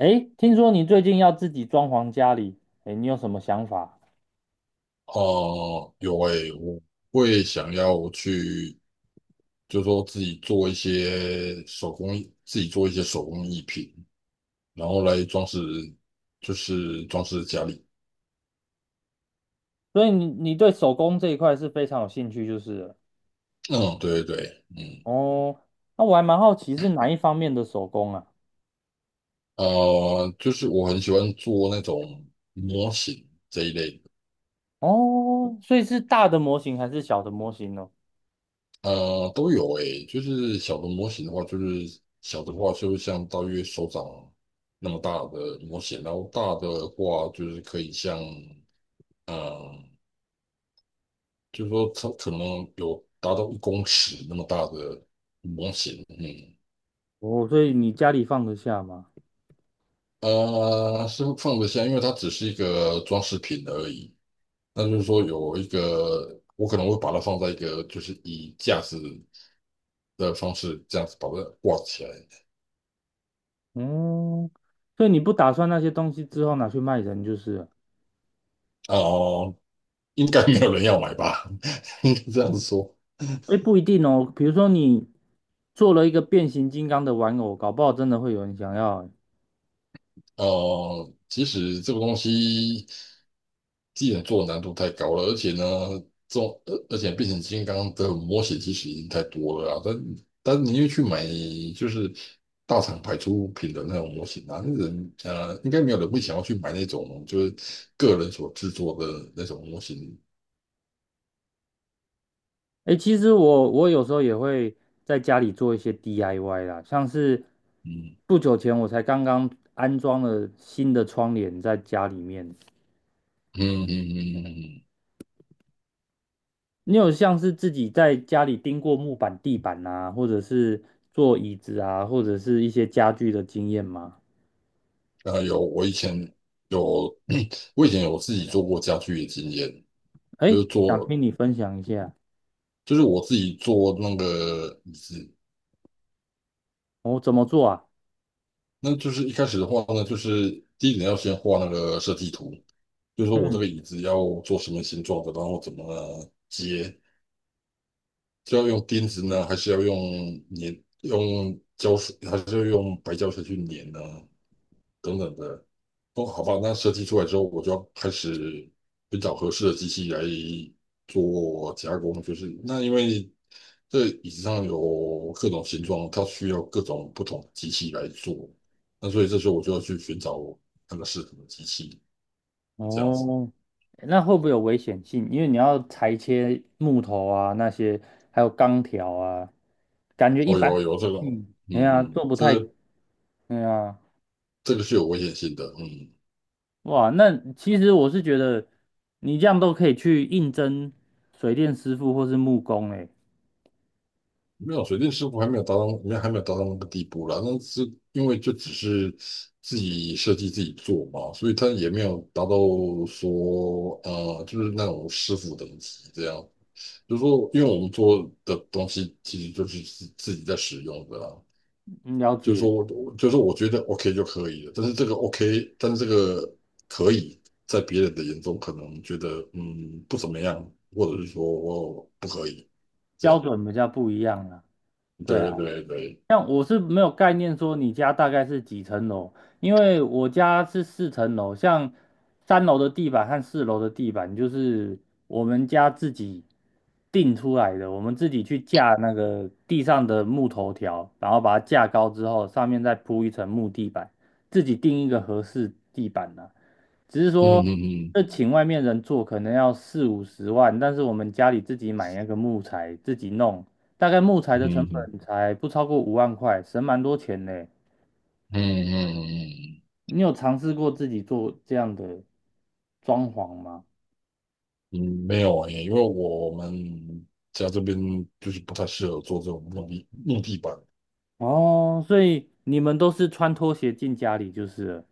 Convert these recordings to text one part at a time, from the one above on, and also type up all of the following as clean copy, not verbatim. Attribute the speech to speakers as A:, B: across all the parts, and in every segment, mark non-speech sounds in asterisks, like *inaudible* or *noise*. A: 诶，听说你最近要自己装潢家里，诶，你有什么想法？
B: 哦，有诶，我会想要去，就是说自己做一些手工艺品，然后来装饰，就是装饰家里。
A: 所以你对手工这一块是非常有兴趣，就是了
B: 嗯，对对对，嗯，
A: 哦。那我还蛮好奇是哪一方面的手工啊？
B: 就是我很喜欢做那种模型这一类的。
A: 哦，所以是大的模型还是小的模型呢？
B: 都有诶，就是小的模型的话，就是小的话就像大约手掌那么大的模型，然后大的话就是可以像。嗯，就是说它可能有达到1公尺那么大的模型，嗯。
A: 哦，所以你家里放得下吗？
B: 是放得下，因为它只是一个装饰品而已。那就是说有一个，我可能会把它放在一个，就是以架子的方式这样子把它挂起来。
A: 嗯，所以你不打算那些东西之后拿去卖人就是了？
B: 哦、应该没有人要买吧？*laughs* 应该这样子说。
A: 诶，不一定哦。比如说你做了一个变形金刚的玩偶，搞不好真的会有人想要欸。
B: 其实这个东西既然做的难度太高了，而且呢，这种而且变形金刚的模型其实已经太多了啊。但你又去买就是大厂牌出品的那种模型啊，那人应该没有人会想要去买那种就是个人所制作的那种模型。
A: 诶，其实我有时候也会在家里做一些 DIY 啦，像是
B: 嗯
A: 不久前我才刚刚安装了新的窗帘在家里面。
B: 嗯嗯嗯嗯
A: 你有像是自己在家里钉过木板、地板啊，或者是做椅子啊，或者是一些家具的经验吗？
B: 嗯，啊、有我以前有 *clears throat* 我以前有自己做过家具的经验。就是
A: 诶，想
B: 做
A: 听你分享一下，
B: 就是我自己做那个椅子。
A: 我、怎么做啊？
B: 那就是一开始的话呢，就是第一点要先画那个设计图，就是说我这
A: 嗯。
B: 个椅子要做什么形状的，然后怎么接，是要用钉子呢，还是要用粘，用胶水，还是要用白胶水去粘呢？等等的。哦，好吧，那设计出来之后，我就要开始寻找合适的机器来做加工。就是那因为这椅子上有各种形状，它需要各种不同的机器来做。那所以这时候我就要去寻找那个适合的机器，这样子。
A: 哦，那会不会有危险性？因为你要裁切木头啊，那些还有钢条啊，感觉一
B: 哦，
A: 般
B: 有
A: 的
B: 这个，
A: 嗯，
B: 嗯
A: 哎呀，做
B: 嗯，
A: 不
B: 这
A: 太，
B: 个
A: 哎呀，
B: 这个是有危险性的，嗯。
A: 哇，那其实我是觉得你这样都可以去应征水电师傅或是木工、欸，
B: 没有水电师傅还没有达到，没有还没有达到那个地步啦。那是因为就只是自己设计自己做嘛，所以他也没有达到说就是那种师傅等级这样。就是说，因为我们做的东西其实就是自己在使用的啦。
A: 哎，了
B: 就是说
A: 解
B: 我，就是说我觉得 OK 就可以了，但是这个 OK,但是这个可以在别人的眼中可能觉得不怎么样，或者是说我不可以这
A: 标
B: 样。
A: 准比较不一样啊。对啊。
B: 对对对。
A: 像我是没有概念说你家大概是几层楼，因为我家是四层楼，像三楼的地板和四楼的地板就是我们家自己定出来的，我们自己去架那个地上的木头条，然后把它架高之后，上面再铺一层木地板，自己定一个合适地板呢、只是
B: 嗯
A: 说，
B: 嗯嗯
A: 这请外面人做可能要四五十万，但是我们家里自己买那个木材，自己弄，大概木材的成
B: 嗯
A: 本才不超过五万块，省蛮多钱呢。
B: 嗯嗯嗯，
A: 你有尝试过自己做这样的装潢吗？
B: 嗯，没有诶，因为我们家这边就是不太适合做这种木地板
A: 哦，所以你们都是穿拖鞋进家里就是了。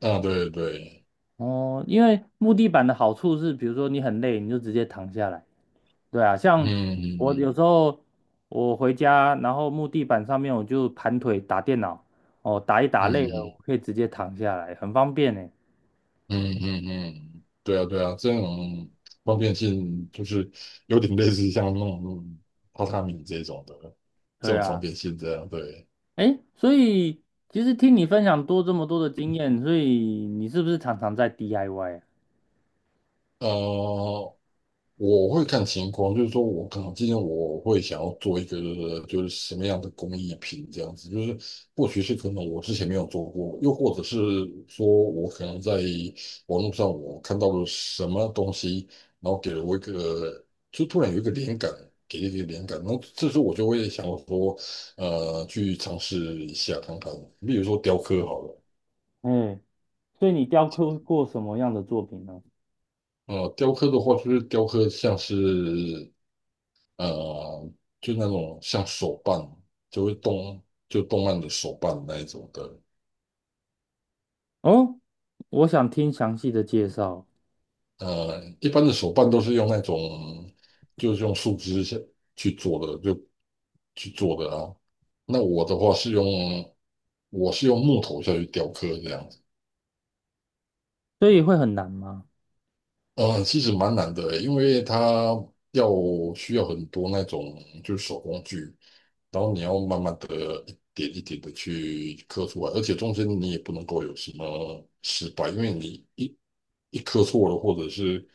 B: 啊，对对，
A: 哦，因为木地板的好处是，比如说你很累，你就直接躺下来。对啊，
B: 嗯
A: 像我
B: 嗯
A: 有时候我回家，然后木地板上面我就盘腿打电脑，哦，打一
B: 嗯
A: 打累了，
B: 嗯
A: 我可以直接躺下来，很方便呢。
B: 嗯嗯嗯，对啊对啊，这种方便性就是有点类似像那种榻榻米这种的这
A: 对
B: 种方
A: 啊。
B: 便性这样，对。
A: 哎，所以其实听你分享多这么多的经验，所以你是不是常常在 DIY 啊？
B: 呃，我会看情况，就是说我可能今天我会想要做一个就是什么样的工艺品这样子。就是或许是可能我之前没有做过，又或者是说我可能在网络上我看到了什么东西，然后给了我一个就突然有一个灵感，给了一个灵感，然后这时候我就会想说，去尝试一下看看，比如说雕刻好了。
A: 哎，所以你雕刻过什么样的作品呢？
B: 雕刻的话，就是雕刻像是呃，就那种像手办，就会动，就动漫的手办那一种的。
A: 哦，我想听详细的介绍，
B: 一般的手办都是用那种，就是用树枝去做的，就去做的啊。那我的话是用，我是用木头下去雕刻这样子。
A: 所以会很难吗？
B: 嗯，其实蛮难的，因为它要需要很多那种就是手工具，然后你要慢慢的一点一点的去刻出来，而且中间你也不能够有什么失败。因为你一刻错了，或者是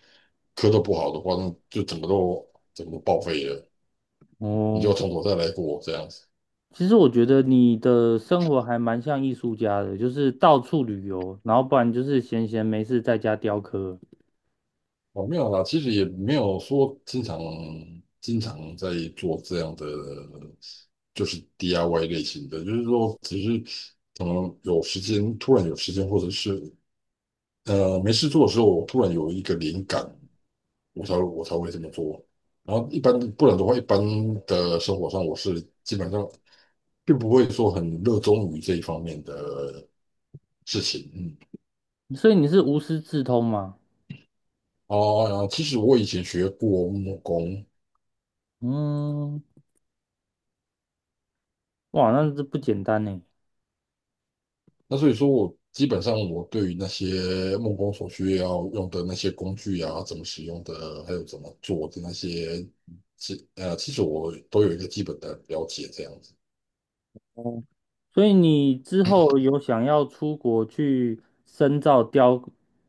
B: 刻的不好的话，那就整个都整个报废了，你就要
A: 哦，
B: 从头再来过这样子。
A: 其实我觉得你的生活还蛮像艺术家的，就是到处旅游，然后不然就是闲闲没事在家雕刻，
B: 哦，没有啦，其实也没有说经常经常在做这样的，就是 DIY 类型的，就是说只是可能有时间，突然有时间，或者是没事做的时候，我突然有一个灵感，我才会这么做。然后一般不然的话，一般的生活上我是基本上并不会说很热衷于这一方面的事情。嗯。
A: 所以你是无师自通吗？
B: 哦，其实我以前学过木工。
A: 嗯，哇，那这不简单呢。
B: 那所以说我基本上我对于那些木工所需要用的那些工具啊，怎么使用的，还有怎么做的那些其实我都有一个基本的了解这样子。
A: 所以你之后有想要出国去深造雕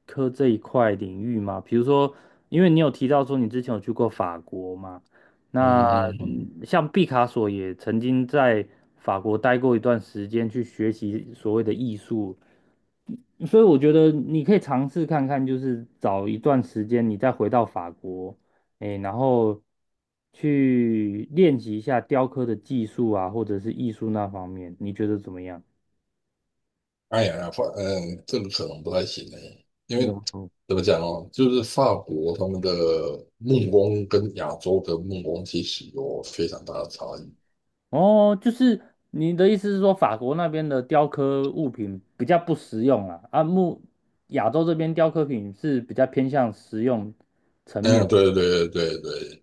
A: 刻这一块领域吗？比如说，因为你有提到说你之前有去过法国嘛，
B: 嗯
A: 那
B: 嗯嗯，
A: 嗯像毕卡索也曾经在法国待过一段时间去学习所谓的艺术，所以我觉得你可以尝试看看，就是找一段时间你再回到法国，诶，然后去练习一下雕刻的技术啊，或者是艺术那方面，你觉得怎么样？
B: 哎呀，呀，这个可能不太行哎，因
A: 你
B: 为
A: 怎么说
B: 怎么讲哦，就是法国他们的木工跟亚洲的木工其实有非常大的差异。
A: 哦，就是你的意思是说，法国那边的雕刻物品比较不实用啊，啊，木亚洲这边雕刻品是比较偏向实用层
B: 嗯，
A: 面。
B: 对对对对，对。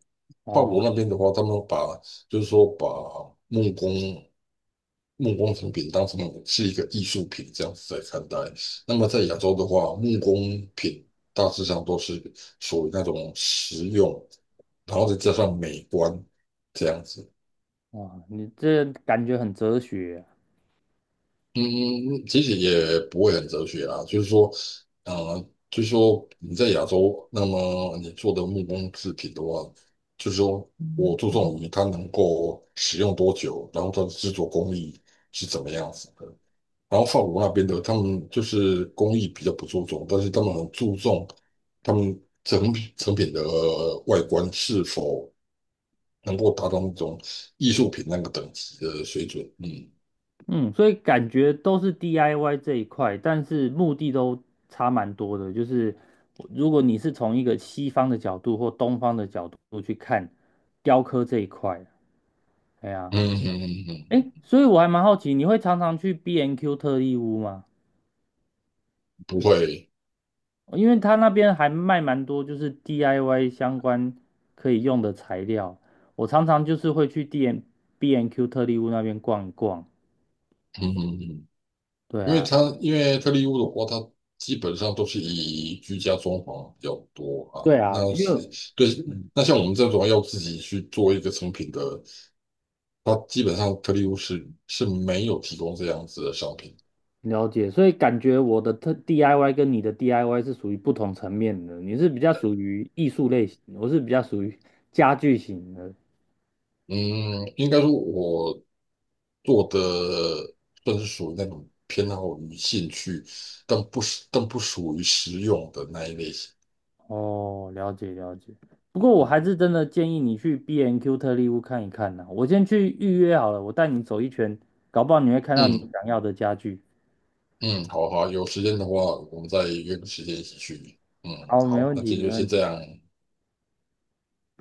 B: 法
A: 哦，
B: 国那边的话，他们把就是说把木工木工成品当成是一个艺术品这样子在看待。那么在亚洲的话，木工品大致上都是属于那种实用，然后再加上美观这样子。
A: 哇，你这感觉很哲学啊。
B: 嗯，嗯其实也不会很哲学啊，呃，就是说你在亚洲，那么你做的木工制品的话，就是说我注重于它能够使用多久，然后它的制作工艺是怎么样子的。然后法国那边的，他们就是工艺比较不注重，但是他们很注重他们成品的外观是否能够达到那种艺术品那个等级的水准。嗯
A: 嗯，所以感觉都是 DIY 这一块，但是目的都差蛮多的。就是如果你是从一个西方的角度或东方的角度去看雕刻这一块啊，哎呀。
B: 嗯嗯嗯，嗯，
A: 诶，所以我还蛮好奇，你会常常去 B&Q N Q 特利屋吗？
B: 不会。
A: 哦因为他那边还卖蛮多，就是 DIY 相关可以用的材料。我常常就是会去 B&Q N Q 特利屋那边逛一逛。
B: 嗯嗯嗯，
A: 对啊，
B: 因为特力屋的话，它基本上都是以居家装潢比较多啊。
A: 对啊，
B: 那
A: 因为
B: 是对。
A: 嗯
B: 那像我们这种要自己去做一个成品的，它基本上特力屋是没有提供这样子的商品。
A: 了解，所以感觉我的特 DIY 跟你的 DIY 是属于不同层面的。你是比较属于艺术类型，我是比较属于家具型的。
B: 嗯，应该说我做的算是属于那种偏好于兴趣，但不是但不属于实用的那一类型。
A: 哦，了解了解。不过我
B: 嗯
A: 还是真的建议你去 B&Q N 特力屋看一看。呐、我先去预约好了，我带你走一圈，搞不好你会看到你
B: 嗯，
A: 想要的家具。
B: 嗯，好好，有时间的话，我们再约个时间一起去。嗯，
A: 好，没
B: 好，
A: 问
B: 那
A: 题，
B: 今
A: 没
B: 天就
A: 问
B: 先这
A: 题。
B: 样。